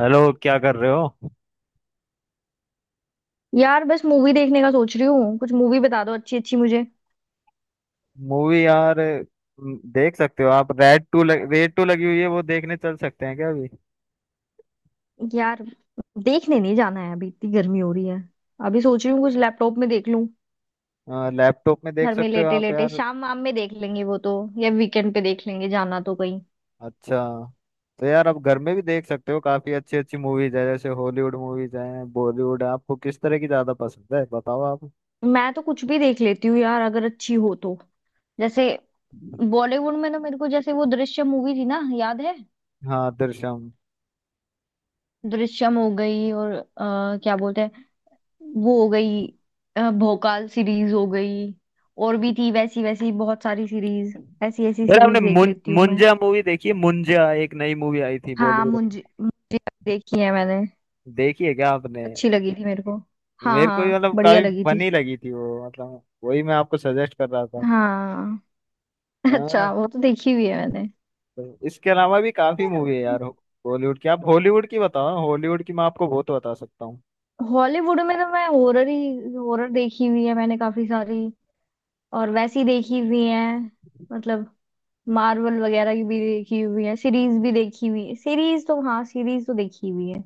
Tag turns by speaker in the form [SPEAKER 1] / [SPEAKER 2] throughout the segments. [SPEAKER 1] Hello, क्या कर रहे हो?
[SPEAKER 2] यार, बस मूवी देखने का सोच रही हूँ। कुछ मूवी बता दो अच्छी अच्छी मुझे।
[SPEAKER 1] मूवी यार। देख सकते हो आप। रेड टू लगी हुई है, वो देखने चल सकते हैं क्या अभी?
[SPEAKER 2] यार देखने नहीं जाना है, अभी इतनी गर्मी हो रही है। अभी सोच रही हूँ कुछ लैपटॉप में देख लूँ।
[SPEAKER 1] लैपटॉप में देख
[SPEAKER 2] घर में
[SPEAKER 1] सकते हो
[SPEAKER 2] लेटे
[SPEAKER 1] आप
[SPEAKER 2] लेटे
[SPEAKER 1] यार।
[SPEAKER 2] शाम वाम में देख लेंगे वो तो। या वीकेंड पे देख लेंगे, जाना तो कहीं।
[SPEAKER 1] अच्छा, तो यार आप घर में भी देख सकते हो। काफी अच्छी अच्छी मूवीज है, जैसे हॉलीवुड मूवीज हैं, बॉलीवुड है। आपको किस तरह की ज्यादा पसंद है, बताओ आप।
[SPEAKER 2] मैं तो कुछ भी देख लेती हूँ यार, अगर अच्छी हो तो। जैसे बॉलीवुड में ना, मेरे को जैसे वो दृश्यम मूवी थी ना, याद है।
[SPEAKER 1] हाँ, दृश्यम।
[SPEAKER 2] दृश्यम हो गई, और क्या बोलते हैं वो हो गई, भोकाल सीरीज हो गई। और भी थी वैसी वैसी बहुत सारी सीरीज। ऐसी ऐसी
[SPEAKER 1] यार आपने
[SPEAKER 2] सीरीज देख लेती हूँ मैं।
[SPEAKER 1] मुंजा मूवी देखी है? मुंजा एक नई मूवी आई थी
[SPEAKER 2] हाँ,
[SPEAKER 1] बॉलीवुड में।
[SPEAKER 2] मुंजी मुंजी देखी है मैंने।
[SPEAKER 1] देखी है क्या आपने?
[SPEAKER 2] अच्छी लगी थी मेरे को। हाँ
[SPEAKER 1] मेरे को ये
[SPEAKER 2] हाँ,
[SPEAKER 1] मतलब
[SPEAKER 2] बढ़िया
[SPEAKER 1] काफी
[SPEAKER 2] लगी थी।
[SPEAKER 1] फनी लगी थी वो। मतलब वही मैं आपको सजेस्ट कर रहा था।
[SPEAKER 2] हाँ।
[SPEAKER 1] हाँ,
[SPEAKER 2] अच्छा, वो तो देखी हुई है मैंने।
[SPEAKER 1] तो इसके अलावा भी काफी
[SPEAKER 2] यार
[SPEAKER 1] मूवी है यार बॉलीवुड की। आप हॉलीवुड की बताओ ना, हॉलीवुड की मैं आपको बहुत बता सकता हूँ।
[SPEAKER 2] हॉलीवुड में तो मैं हॉरर ही हॉरर देखी हुई है मैंने, काफी सारी। और वैसी देखी हुई है, मतलब मार्वल वगैरह की भी देखी हुई है, सीरीज भी देखी हुई है। सीरीज तो हाँ, सीरीज तो देखी हुई है।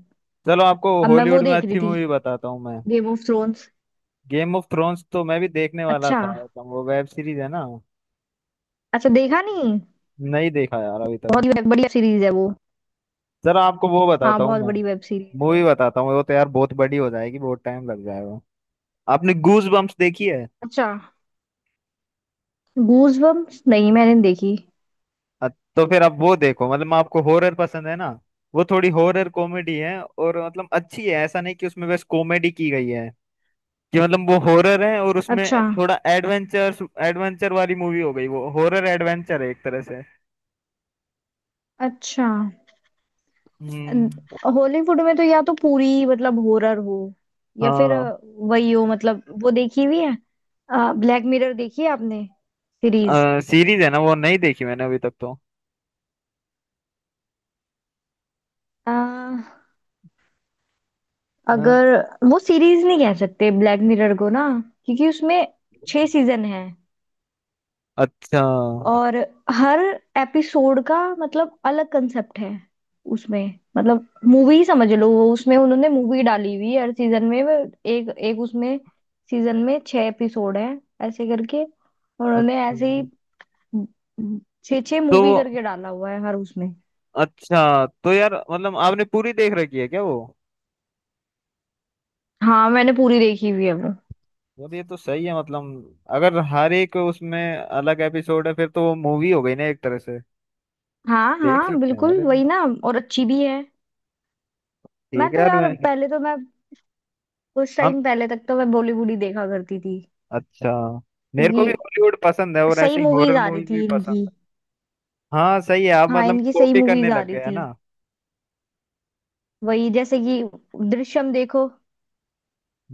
[SPEAKER 1] चलो आपको
[SPEAKER 2] अब मैं वो
[SPEAKER 1] हॉलीवुड में
[SPEAKER 2] देख रही
[SPEAKER 1] अच्छी
[SPEAKER 2] थी,
[SPEAKER 1] मूवी बताता हूँ मैं।
[SPEAKER 2] Game of thrones.
[SPEAKER 1] Game of thrones तो मैं भी देखने वाला
[SPEAKER 2] अच्छा।
[SPEAKER 1] था। तो वो वेब सीरीज है ना?
[SPEAKER 2] अच्छा देखा नहीं।
[SPEAKER 1] नहीं देखा यार अभी तक।
[SPEAKER 2] बहुत ही बढ़िया सीरीज है वो।
[SPEAKER 1] चलो आपको वो
[SPEAKER 2] हाँ,
[SPEAKER 1] बताता हूँ
[SPEAKER 2] बहुत
[SPEAKER 1] मैं।
[SPEAKER 2] बड़ी वेब सीरीज है
[SPEAKER 1] मूवी
[SPEAKER 2] वो।
[SPEAKER 1] बताता हूँ, वो तो यार बहुत बड़ी हो जाएगी, बहुत टाइम लग जाएगा। आपने गूज बम्प्स देखी है?
[SPEAKER 2] अच्छा। गूज बम्प्स नहीं, मैंने नहीं देखी।
[SPEAKER 1] अ- तो फिर आप वो देखो। मतलब मैं, आपको हॉरर पसंद है ना? वो थोड़ी हॉरर कॉमेडी है, और मतलब अच्छी है। ऐसा नहीं कि उसमें बस कॉमेडी की गई है, कि मतलब वो हॉरर है और
[SPEAKER 2] अच्छा।
[SPEAKER 1] उसमें थोड़ा एडवेंचर। एडवेंचर वाली मूवी हो गई वो, हॉरर एडवेंचर है एक तरह से।
[SPEAKER 2] अच्छा।
[SPEAKER 1] हम्म।
[SPEAKER 2] हॉलीवुड में तो या तो पूरी मतलब हॉरर हो, या फिर
[SPEAKER 1] हाँ,
[SPEAKER 2] वही हो, मतलब वो देखी हुई है। ब्लैक मिरर देखी है आपने, सीरीज?
[SPEAKER 1] सीरीज है ना वो। नहीं देखी मैंने अभी तक तो।
[SPEAKER 2] अ,
[SPEAKER 1] अ,
[SPEAKER 2] अगर वो सीरीज नहीं कह सकते ब्लैक मिरर को ना, क्योंकि उसमें छह सीजन है।
[SPEAKER 1] अच्छा।
[SPEAKER 2] और हर एपिसोड का मतलब अलग कंसेप्ट है उसमें। मतलब मूवी समझ लो, वो उसमें उन्होंने मूवी डाली हुई है हर सीजन में। वो एक एक उसमें सीजन में छह एपिसोड है, ऐसे करके उन्होंने
[SPEAKER 1] अच्छा,
[SPEAKER 2] ऐसे ही छः छः
[SPEAKER 1] तो
[SPEAKER 2] मूवी
[SPEAKER 1] वो,
[SPEAKER 2] करके डाला हुआ है हर उसमें।
[SPEAKER 1] अच्छा तो यार मतलब आपने पूरी देख रखी है क्या वो?
[SPEAKER 2] हाँ, मैंने पूरी देखी हुई है वो।
[SPEAKER 1] यार ये तो सही है, मतलब अगर हर एक उसमें अलग एपिसोड है फिर तो वो मूवी हो गई ना एक तरह से।
[SPEAKER 2] हाँ
[SPEAKER 1] देख
[SPEAKER 2] हाँ,
[SPEAKER 1] सकते हैं यार
[SPEAKER 2] बिल्कुल
[SPEAKER 1] ये
[SPEAKER 2] वही
[SPEAKER 1] तो।
[SPEAKER 2] ना, और अच्छी भी है।
[SPEAKER 1] ठीक
[SPEAKER 2] मैं
[SPEAKER 1] है
[SPEAKER 2] तो
[SPEAKER 1] यार,
[SPEAKER 2] यार,
[SPEAKER 1] मैं-
[SPEAKER 2] पहले तो मैं कुछ
[SPEAKER 1] हम।
[SPEAKER 2] टाइम पहले तक तो मैं बॉलीवुड ही देखा करती थी,
[SPEAKER 1] अच्छा, मेरे को भी
[SPEAKER 2] क्योंकि
[SPEAKER 1] हॉलीवुड पसंद है और
[SPEAKER 2] सही
[SPEAKER 1] ऐसे ही
[SPEAKER 2] मूवीज
[SPEAKER 1] हॉरर
[SPEAKER 2] आ रही
[SPEAKER 1] मूवीज भी
[SPEAKER 2] थी
[SPEAKER 1] पसंद
[SPEAKER 2] इनकी।
[SPEAKER 1] है। हाँ सही है, आप
[SPEAKER 2] हाँ,
[SPEAKER 1] मतलब
[SPEAKER 2] इनकी सही
[SPEAKER 1] कॉपी करने
[SPEAKER 2] मूवीज आ
[SPEAKER 1] लग
[SPEAKER 2] रही
[SPEAKER 1] गए है
[SPEAKER 2] थी।
[SPEAKER 1] ना।
[SPEAKER 2] वही, जैसे कि दृश्यम देखो,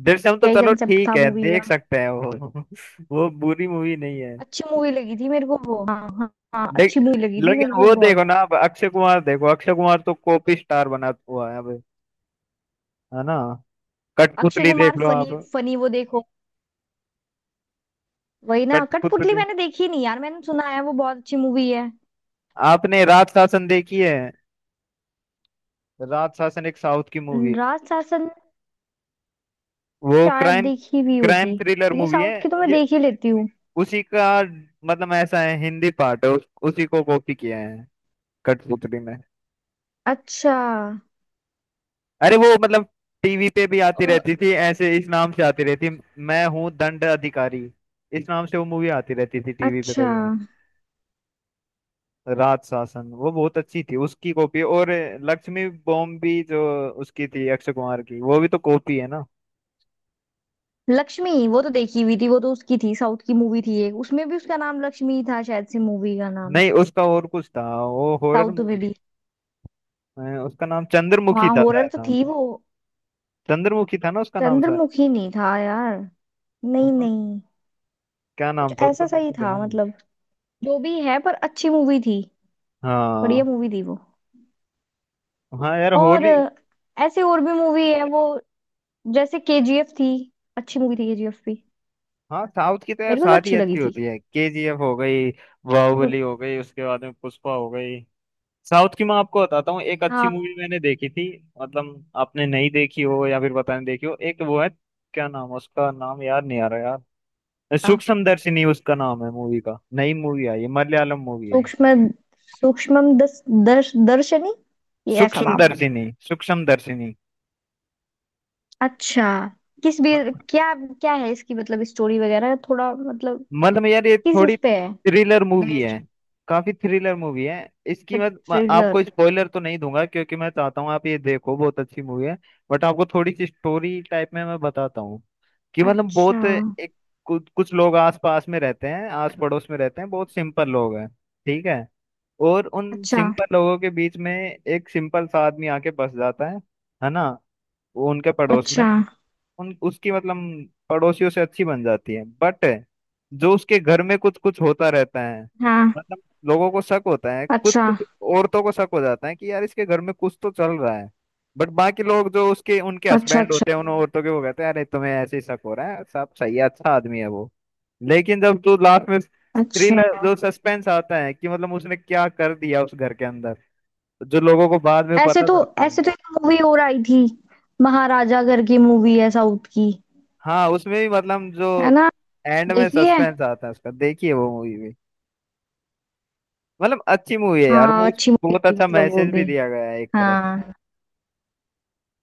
[SPEAKER 1] दृश्यम तो
[SPEAKER 2] क्या ही
[SPEAKER 1] चलो
[SPEAKER 2] कंसेप्ट
[SPEAKER 1] ठीक
[SPEAKER 2] था
[SPEAKER 1] है,
[SPEAKER 2] मूवी का।
[SPEAKER 1] देख सकते हैं वो। वो बुरी मूवी नहीं है।
[SPEAKER 2] अच्छी मूवी लगी थी मेरे को वो। हाँ हाँ हाँ,
[SPEAKER 1] देख,
[SPEAKER 2] अच्छी मूवी लगी थी मेरे
[SPEAKER 1] लेकिन
[SPEAKER 2] को
[SPEAKER 1] वो देखो
[SPEAKER 2] बहुत।
[SPEAKER 1] ना अब, अक्षय कुमार देखो, अक्षय कुमार तो कॉपी स्टार बना हुआ है अब, है ना?
[SPEAKER 2] अक्षय
[SPEAKER 1] कठपुतली देख
[SPEAKER 2] कुमार
[SPEAKER 1] लो आप।
[SPEAKER 2] फनी फनी, वो देखो, वही ना, कठपुतली।
[SPEAKER 1] कठपुतली,
[SPEAKER 2] मैंने देखी नहीं यार, मैंने सुना है वो बहुत अच्छी मूवी है।
[SPEAKER 1] आपने राज शासन देखी है? राज शासन एक साउथ की मूवी
[SPEAKER 2] न,
[SPEAKER 1] है।
[SPEAKER 2] राज शासन?
[SPEAKER 1] वो
[SPEAKER 2] शायद
[SPEAKER 1] क्राइम,
[SPEAKER 2] देखी भी
[SPEAKER 1] क्राइम
[SPEAKER 2] होगी,
[SPEAKER 1] थ्रिलर
[SPEAKER 2] क्योंकि
[SPEAKER 1] मूवी
[SPEAKER 2] साउथ
[SPEAKER 1] है
[SPEAKER 2] की तो मैं
[SPEAKER 1] ये।
[SPEAKER 2] देख ही लेती हूँ।
[SPEAKER 1] उसी का, मतलब ऐसा है, हिंदी पार्ट है उसी को कॉपी किया है कठपुतली में।
[SPEAKER 2] अच्छा।
[SPEAKER 1] अरे वो मतलब टीवी पे भी आती
[SPEAKER 2] अ,
[SPEAKER 1] रहती थी ऐसे, इस नाम से आती रहती। मैं हूँ दंड अधिकारी, इस नाम से वो मूवी आती रहती थी टीवी पे
[SPEAKER 2] अच्छा।
[SPEAKER 1] कई बार। राज शासन वो बहुत अच्छी थी, उसकी कॉपी। और लक्ष्मी बॉम्ब भी जो उसकी थी, अक्षय कुमार की, वो भी तो कॉपी है ना।
[SPEAKER 2] लक्ष्मी? वो तो देखी हुई थी। वो तो उसकी थी, साउथ की मूवी थी एक, उसमें भी उसका नाम लक्ष्मी ही था शायद से, मूवी का नाम।
[SPEAKER 1] नहीं, उसका और कुछ था। वो हॉरर
[SPEAKER 2] साउथ
[SPEAKER 1] मूवी,
[SPEAKER 2] में भी?
[SPEAKER 1] उसका नाम चंद्रमुखी
[SPEAKER 2] हाँ,
[SPEAKER 1] था
[SPEAKER 2] हॉरर
[SPEAKER 1] शायद,
[SPEAKER 2] तो
[SPEAKER 1] हाँ।
[SPEAKER 2] थी वो।
[SPEAKER 1] चंद्रमुखी था ना उसका नाम शायद।
[SPEAKER 2] चंद्रमुखी नहीं था यार, नहीं
[SPEAKER 1] हाँ,
[SPEAKER 2] नहीं,
[SPEAKER 1] क्या
[SPEAKER 2] कुछ
[SPEAKER 1] नाम था उसका,
[SPEAKER 2] ऐसा
[SPEAKER 1] मेरे
[SPEAKER 2] सही
[SPEAKER 1] को
[SPEAKER 2] था
[SPEAKER 1] ध्यान नहीं।
[SPEAKER 2] मतलब। जो भी है, पर अच्छी मूवी थी। बढ़िया
[SPEAKER 1] हाँ।
[SPEAKER 2] मूवी थी वो।
[SPEAKER 1] हाँ यार,
[SPEAKER 2] और
[SPEAKER 1] होली।
[SPEAKER 2] ऐसे और भी मूवी है वो, जैसे केजीएफ थी। अच्छी मूवी थी केजीएफ भी।
[SPEAKER 1] हाँ साउथ की तो यार
[SPEAKER 2] मेरे को तो
[SPEAKER 1] सारी
[SPEAKER 2] अच्छी लगी
[SPEAKER 1] अच्छी
[SPEAKER 2] थी।
[SPEAKER 1] होती है। केजीएफ हो गई,
[SPEAKER 2] उन-
[SPEAKER 1] बाहुबली हो गई, उसके बाद में पुष्पा हो गई। साउथ की मैं आपको बताता हूँ एक अच्छी
[SPEAKER 2] हाँ।
[SPEAKER 1] मूवी मैंने देखी थी। मतलब आपने नहीं देखी हो या फिर पता नहीं देखी हो, एक वो है। क्या नाम है, उसका नाम याद नहीं आ रहा यार।
[SPEAKER 2] क्या?
[SPEAKER 1] सूक्ष्म दर्शिनी, उसका नाम है मूवी का, नई मूवी आई है, मलयालम मूवी है।
[SPEAKER 2] सूक्ष्म। सूक्ष्म दस दर्श दर्शनी, ये ऐसा
[SPEAKER 1] सूक्ष्म
[SPEAKER 2] नाम है।
[SPEAKER 1] दर्शिनी, सूक्ष्म दर्शिनी।
[SPEAKER 2] अच्छा। किस भी, क्या क्या है इसकी, मतलब स्टोरी वगैरह थोड़ा, मतलब
[SPEAKER 1] मतलब यार ये
[SPEAKER 2] किस
[SPEAKER 1] थोड़ी
[SPEAKER 2] उस पे है
[SPEAKER 1] थ्रिलर मूवी
[SPEAKER 2] बेस्ड?
[SPEAKER 1] है, काफी थ्रिलर मूवी है। इसकी मैं आपको
[SPEAKER 2] थ्रिलर।
[SPEAKER 1] स्पॉइलर तो नहीं दूंगा, क्योंकि मैं चाहता हूँ आप ये देखो, बहुत अच्छी मूवी है। बट आपको थोड़ी सी स्टोरी टाइप में मैं बताता हूँ। कि मतलब
[SPEAKER 2] अच्छा।
[SPEAKER 1] बहुत एक, कुछ कुछ लोग आस पास में रहते हैं, आस पड़ोस में रहते हैं, बहुत सिंपल लोग हैं। ठीक है? और उन
[SPEAKER 2] अच्छा।
[SPEAKER 1] सिंपल लोगों के बीच में एक सिंपल सा आदमी आके बस जाता है ना, वो उनके पड़ोस में।
[SPEAKER 2] अच्छा।
[SPEAKER 1] उन उसकी मतलब पड़ोसियों से अच्छी बन जाती है, बट जो उसके घर में कुछ कुछ होता रहता है,
[SPEAKER 2] हाँ।
[SPEAKER 1] मतलब लोगों को शक होता है कुछ
[SPEAKER 2] अच्छा।
[SPEAKER 1] कुछ। औरतों को शक हो जाता है कि यार इसके घर में कुछ तो चल रहा है। बट बाकी लोग जो उसके, उनके
[SPEAKER 2] अच्छा।
[SPEAKER 1] हस्बैंड होते हैं
[SPEAKER 2] अच्छा।
[SPEAKER 1] उन औरतों के, वो कहते हैं अरे तुम्हें ऐसे ही शक हो रहा है, साहब सही है, अच्छा आदमी है वो। लेकिन जब तू लास्ट में,
[SPEAKER 2] अच्छा।
[SPEAKER 1] थ्रिलर जो सस्पेंस आता है कि मतलब उसने क्या कर दिया उस घर के अंदर, जो लोगों को बाद में
[SPEAKER 2] ऐसे
[SPEAKER 1] पता
[SPEAKER 2] तो,
[SPEAKER 1] चलता है।
[SPEAKER 2] एक मूवी और आई थी, महाराजा करके, मूवी है साउथ की,
[SPEAKER 1] हाँ उसमें भी मतलब, जो
[SPEAKER 2] है ना।
[SPEAKER 1] एंड में
[SPEAKER 2] देखी है।
[SPEAKER 1] सस्पेंस आता है उसका, देखिए वो मूवी भी। मतलब अच्छी मूवी है यार
[SPEAKER 2] हाँ,
[SPEAKER 1] वो,
[SPEAKER 2] अच्छी
[SPEAKER 1] उसमें
[SPEAKER 2] मूवी
[SPEAKER 1] बहुत
[SPEAKER 2] थी
[SPEAKER 1] अच्छा
[SPEAKER 2] मतलब वो
[SPEAKER 1] मैसेज भी
[SPEAKER 2] भी।
[SPEAKER 1] दिया गया है एक तरह से।
[SPEAKER 2] हाँ।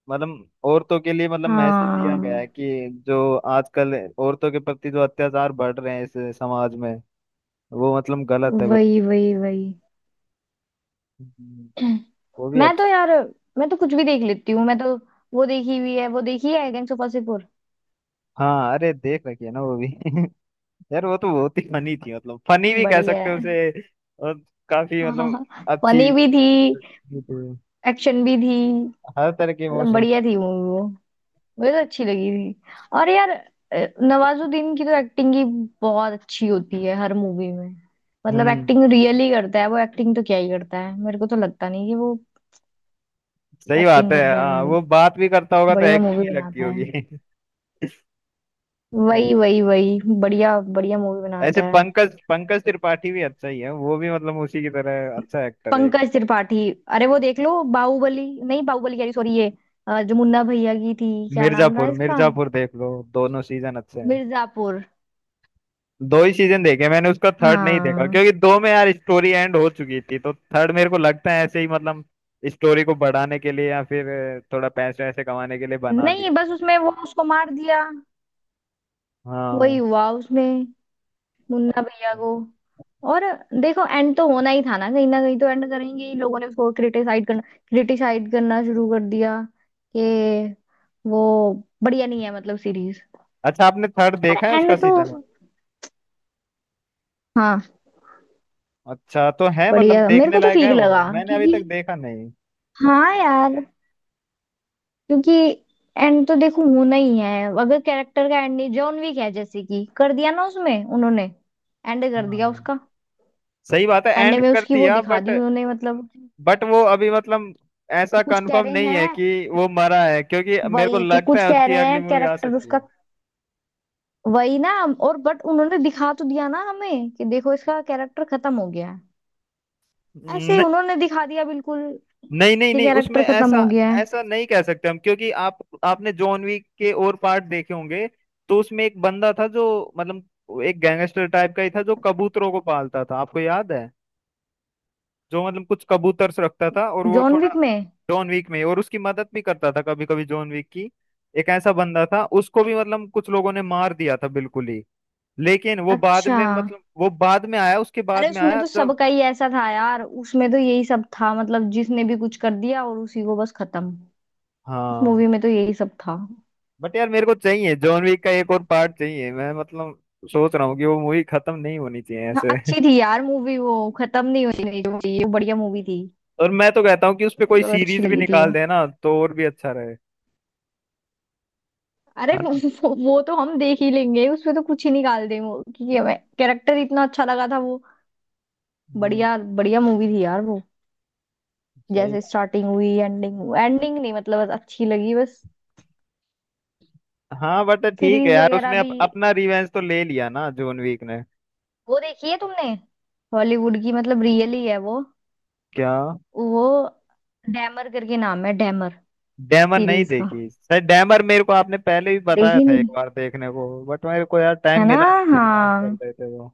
[SPEAKER 1] मतलब औरतों के लिए मतलब मैसेज दिया गया है,
[SPEAKER 2] हाँ,
[SPEAKER 1] कि जो आजकल औरतों के प्रति जो अत्याचार बढ़ रहे हैं इस समाज में, वो मतलब गलत है बिल्कुल।
[SPEAKER 2] वही वही वही।
[SPEAKER 1] हम्म, वो भी
[SPEAKER 2] मैं तो
[SPEAKER 1] अच्छा।
[SPEAKER 2] यार, मैं तो कुछ भी देख लेती हूँ मैं तो। वो देखी हुई है, वो देखी है, गैंग्स ऑफ वासेपुर।
[SPEAKER 1] हाँ, अरे देख रखी है ना वो भी। यार वो तो बहुत ही फनी थी, मतलब फनी भी कह
[SPEAKER 2] बढ़िया
[SPEAKER 1] सकते हो
[SPEAKER 2] है।
[SPEAKER 1] उसे। और काफी मतलब अच्छी
[SPEAKER 2] फनी
[SPEAKER 1] भी
[SPEAKER 2] भी थी,
[SPEAKER 1] थी।
[SPEAKER 2] एक्शन भी थी,
[SPEAKER 1] हर तरह के
[SPEAKER 2] मतलब
[SPEAKER 1] इमोशंस।
[SPEAKER 2] बढ़िया थी मूवी वो। मुझे तो अच्छी लगी थी। और यार, नवाजुद्दीन की तो एक्टिंग ही बहुत अच्छी होती है हर मूवी में। मतलब
[SPEAKER 1] हम्म,
[SPEAKER 2] एक्टिंग रियली करता है वो, एक्टिंग तो क्या ही करता है, मेरे को तो लगता नहीं कि वो
[SPEAKER 1] सही बात
[SPEAKER 2] एक्टिंग
[SPEAKER 1] है।
[SPEAKER 2] कर रहा है
[SPEAKER 1] हाँ
[SPEAKER 2] भाई।
[SPEAKER 1] वो बात भी करता होगा तो
[SPEAKER 2] बढ़िया
[SPEAKER 1] एक्टिंग
[SPEAKER 2] मूवी
[SPEAKER 1] ही लगती
[SPEAKER 2] बनाता है।
[SPEAKER 1] होगी।
[SPEAKER 2] वही वही वही, बढ़िया बढ़िया मूवी
[SPEAKER 1] ऐसे
[SPEAKER 2] बनाता है।
[SPEAKER 1] पंकज, पंकज त्रिपाठी भी अच्छा ही है, वो भी मतलब उसी की तरह अच्छा एक्टर है।
[SPEAKER 2] पंकज त्रिपाठी। अरे वो देख लो, बाहुबली नहीं, बाहुबली कह रही, सॉरी, ये जो मुन्ना भैया की थी, क्या नाम था
[SPEAKER 1] मिर्जापुर,
[SPEAKER 2] इसका?
[SPEAKER 1] मिर्जापुर देख लो, दोनों सीजन अच्छे हैं।
[SPEAKER 2] मिर्जापुर।
[SPEAKER 1] दो ही सीजन देखे मैंने, उसका थर्ड नहीं देखा,
[SPEAKER 2] हाँ,
[SPEAKER 1] क्योंकि दो में यार स्टोरी एंड हो चुकी थी। तो थर्ड मेरे को लगता है ऐसे ही मतलब स्टोरी को बढ़ाने के लिए या फिर थोड़ा पैसे वैसे कमाने के लिए बना ली।
[SPEAKER 2] नहीं, बस उसमें वो उसको मार दिया, वही
[SPEAKER 1] हाँ।
[SPEAKER 2] हुआ उसमें, मुन्ना भैया को। और देखो, एंड तो होना ही था ना, कहीं ना कहीं तो एंड करेंगे ही। लोगों ने उसको क्रिटिसाइड करना, क्रिटिसाइड करना शुरू कर दिया कि वो बढ़िया नहीं है, मतलब सीरीज।
[SPEAKER 1] अच्छा, आपने थर्ड
[SPEAKER 2] पर
[SPEAKER 1] देखा है उसका
[SPEAKER 2] एंड तो।
[SPEAKER 1] सीजन?
[SPEAKER 2] हाँ।
[SPEAKER 1] अच्छा तो है, मतलब
[SPEAKER 2] बढ़िया, मेरे
[SPEAKER 1] देखने
[SPEAKER 2] को तो
[SPEAKER 1] लायक
[SPEAKER 2] ठीक
[SPEAKER 1] है वो,
[SPEAKER 2] लगा,
[SPEAKER 1] मैंने अभी
[SPEAKER 2] क्योंकि
[SPEAKER 1] तक देखा नहीं।
[SPEAKER 2] हाँ यार, क्योंकि एंड तो देखो होना ही है। अगर कैरेक्टर का एंड नहीं, जॉन विक है जैसे कि, कर दिया ना उसमें उन्होंने, एंड कर दिया
[SPEAKER 1] हाँ
[SPEAKER 2] उसका।
[SPEAKER 1] सही बात है,
[SPEAKER 2] एंड
[SPEAKER 1] एंड
[SPEAKER 2] में
[SPEAKER 1] कर
[SPEAKER 2] उसकी वो
[SPEAKER 1] दिया,
[SPEAKER 2] दिखा
[SPEAKER 1] बट
[SPEAKER 2] दी उन्होंने, मतलब
[SPEAKER 1] बट वो अभी मतलब ऐसा
[SPEAKER 2] कुछ कह
[SPEAKER 1] कंफर्म
[SPEAKER 2] रहे
[SPEAKER 1] नहीं है
[SPEAKER 2] हैं,
[SPEAKER 1] कि वो मरा है, क्योंकि मेरे को
[SPEAKER 2] वही कि
[SPEAKER 1] लगता
[SPEAKER 2] कुछ
[SPEAKER 1] है
[SPEAKER 2] कह
[SPEAKER 1] उसकी
[SPEAKER 2] रहे
[SPEAKER 1] अगली
[SPEAKER 2] हैं
[SPEAKER 1] मूवी आ
[SPEAKER 2] कैरेक्टर
[SPEAKER 1] सकती
[SPEAKER 2] उसका,
[SPEAKER 1] है।
[SPEAKER 2] वही ना। और बट उन्होंने दिखा तो दिया ना हमें, कि देखो इसका कैरेक्टर खत्म हो गया है। ऐसे ही
[SPEAKER 1] न,
[SPEAKER 2] उन्होंने दिखा दिया बिल्कुल,
[SPEAKER 1] नहीं नहीं
[SPEAKER 2] कि
[SPEAKER 1] नहीं, उसमें
[SPEAKER 2] कैरेक्टर खत्म
[SPEAKER 1] ऐसा,
[SPEAKER 2] हो गया
[SPEAKER 1] ऐसा
[SPEAKER 2] है।
[SPEAKER 1] नहीं कह सकते हम, क्योंकि आप, आपने जॉन विक के और पार्ट देखे होंगे। तो उसमें एक बंदा था जो, मतलब एक गैंगस्टर टाइप का ही था, जो कबूतरों को पालता था, आपको याद है? जो मतलब कुछ कबूतर से रखता था, और वो
[SPEAKER 2] जॉन
[SPEAKER 1] थोड़ा
[SPEAKER 2] विक में।
[SPEAKER 1] जॉन विक में, और उसकी मदद भी करता था कभी कभी जॉन विक की। एक ऐसा बंदा था, उसको भी मतलब कुछ लोगों ने मार दिया था बिल्कुल ही। लेकिन वो बाद
[SPEAKER 2] अच्छा।
[SPEAKER 1] में, मतलब वो बाद में आया, उसके बाद
[SPEAKER 2] अरे
[SPEAKER 1] में
[SPEAKER 2] उसमें
[SPEAKER 1] आया
[SPEAKER 2] तो
[SPEAKER 1] तब।
[SPEAKER 2] सबका ही ऐसा था यार, उसमें तो यही सब था, मतलब जिसने भी कुछ कर दिया और उसी को बस खत्म। उस
[SPEAKER 1] हाँ
[SPEAKER 2] मूवी में तो यही सब था।
[SPEAKER 1] बट यार, मेरे को चाहिए जॉन विक का एक और पार्ट चाहिए। मैं मतलब सोच रहा हूँ कि वो मूवी खत्म नहीं होनी चाहिए
[SPEAKER 2] हाँ,
[SPEAKER 1] ऐसे।
[SPEAKER 2] अच्छी थी यार मूवी, वो खत्म नहीं होनी चाहिए, वो बढ़िया मूवी थी।
[SPEAKER 1] और मैं तो कहता हूँ कि उस पे
[SPEAKER 2] मेरे
[SPEAKER 1] कोई
[SPEAKER 2] को तो अच्छी
[SPEAKER 1] सीरीज भी
[SPEAKER 2] लगी थी
[SPEAKER 1] निकाल
[SPEAKER 2] वो।
[SPEAKER 1] देना तो और भी अच्छा रहे,
[SPEAKER 2] अरे
[SPEAKER 1] है
[SPEAKER 2] वो,
[SPEAKER 1] ना।
[SPEAKER 2] वो वो तो हम देख ही लेंगे, उसमें तो कुछ ही निकाल देंगे वो, क्योंकि हमें कैरेक्टर इतना अच्छा लगा था वो।
[SPEAKER 1] हम्म,
[SPEAKER 2] बढ़िया बढ़िया मूवी थी यार वो।
[SPEAKER 1] सही।
[SPEAKER 2] जैसे स्टार्टिंग हुई, एंडिंग हुई, एंडिंग नहीं मतलब, बस अच्छी लगी बस।
[SPEAKER 1] हाँ बट ठीक है
[SPEAKER 2] सीरीज
[SPEAKER 1] यार,
[SPEAKER 2] वगैरह
[SPEAKER 1] उसने
[SPEAKER 2] भी
[SPEAKER 1] अपना रिवेंज तो ले लिया ना, जॉन वीक ने।
[SPEAKER 2] वो देखी है तुमने? हॉलीवुड की, मतलब रियल ही है वो।
[SPEAKER 1] क्या?
[SPEAKER 2] वो डैमर करके नाम है, डैमर।
[SPEAKER 1] डैमर, नहीं
[SPEAKER 2] सीरीज का।
[SPEAKER 1] देखी सर। डैमर मेरे को आपने पहले भी बताया
[SPEAKER 2] देखी
[SPEAKER 1] था एक
[SPEAKER 2] नहीं।
[SPEAKER 1] बार देखने को, बट मेरे को यार टाइम
[SPEAKER 2] है ना।
[SPEAKER 1] मिला नहीं, एग्जाम चल
[SPEAKER 2] हाँ।
[SPEAKER 1] रहे थे वो।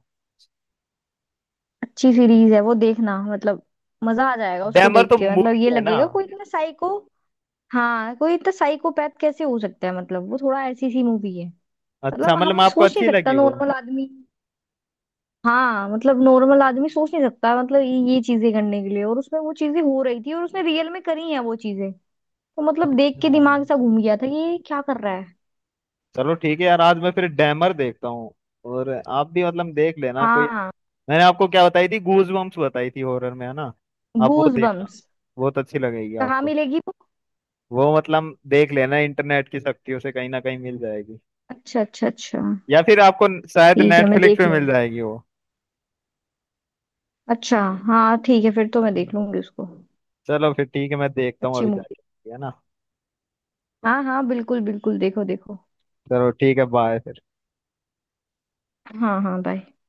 [SPEAKER 2] अच्छी सीरीज है वो, देखना मतलब। मजा आ जाएगा उसको
[SPEAKER 1] डैमर
[SPEAKER 2] देख
[SPEAKER 1] तो
[SPEAKER 2] के, मतलब
[SPEAKER 1] मूवी
[SPEAKER 2] ये
[SPEAKER 1] है ना?
[SPEAKER 2] लगेगा, कोई इतना साइको। हाँ, कोई इतना साइकोपैथ कैसे हो सकता है, मतलब वो थोड़ा ऐसी सी मूवी है।
[SPEAKER 1] अच्छा,
[SPEAKER 2] मतलब
[SPEAKER 1] मतलब
[SPEAKER 2] हम
[SPEAKER 1] आपको
[SPEAKER 2] सोच नहीं
[SPEAKER 1] अच्छी
[SPEAKER 2] सकता,
[SPEAKER 1] लगी वो।
[SPEAKER 2] नॉर्मल आदमी। हाँ, मतलब नॉर्मल आदमी सोच नहीं सकता, मतलब ये चीजें करने के लिए, और उसमें वो चीजें हो रही थी और उसने रियल में करी हैं वो चीजें। तो मतलब देख के
[SPEAKER 1] हाँ,
[SPEAKER 2] दिमाग सा घूम गया था कि ये क्या कर रहा है।
[SPEAKER 1] चलो ठीक है यार, आज मैं फिर डैमर देखता हूँ। और आप भी मतलब देख लेना कोई।
[SPEAKER 2] हाँ।
[SPEAKER 1] मैंने आपको क्या बताई थी, गूज बम्प्स बताई थी, हॉरर में है ना, आप वो
[SPEAKER 2] गूज
[SPEAKER 1] देखना,
[SPEAKER 2] बम्स
[SPEAKER 1] बहुत अच्छी लगेगी
[SPEAKER 2] कहाँ
[SPEAKER 1] आपको।
[SPEAKER 2] मिलेगी वो?
[SPEAKER 1] वो मतलब देख लेना, इंटरनेट की शक्तियों से कहीं ना कहीं मिल जाएगी।
[SPEAKER 2] अच्छा अच्छा अच्छा,
[SPEAKER 1] या फिर आपको शायद
[SPEAKER 2] ठीक है मैं
[SPEAKER 1] नेटफ्लिक्स
[SPEAKER 2] देख
[SPEAKER 1] पे मिल
[SPEAKER 2] लूंगी।
[SPEAKER 1] जाएगी वो।
[SPEAKER 2] अच्छा। हाँ, ठीक है, फिर तो मैं देख लूंगी उसको।
[SPEAKER 1] चलो फिर ठीक है, मैं देखता हूँ
[SPEAKER 2] अच्छी
[SPEAKER 1] अभी
[SPEAKER 2] मूवी।
[SPEAKER 1] जाके, है ना।
[SPEAKER 2] हाँ हाँ, बिल्कुल बिल्कुल, देखो देखो।
[SPEAKER 1] चलो ठीक है, बाय फिर।
[SPEAKER 2] हाँ हाँ, बाय।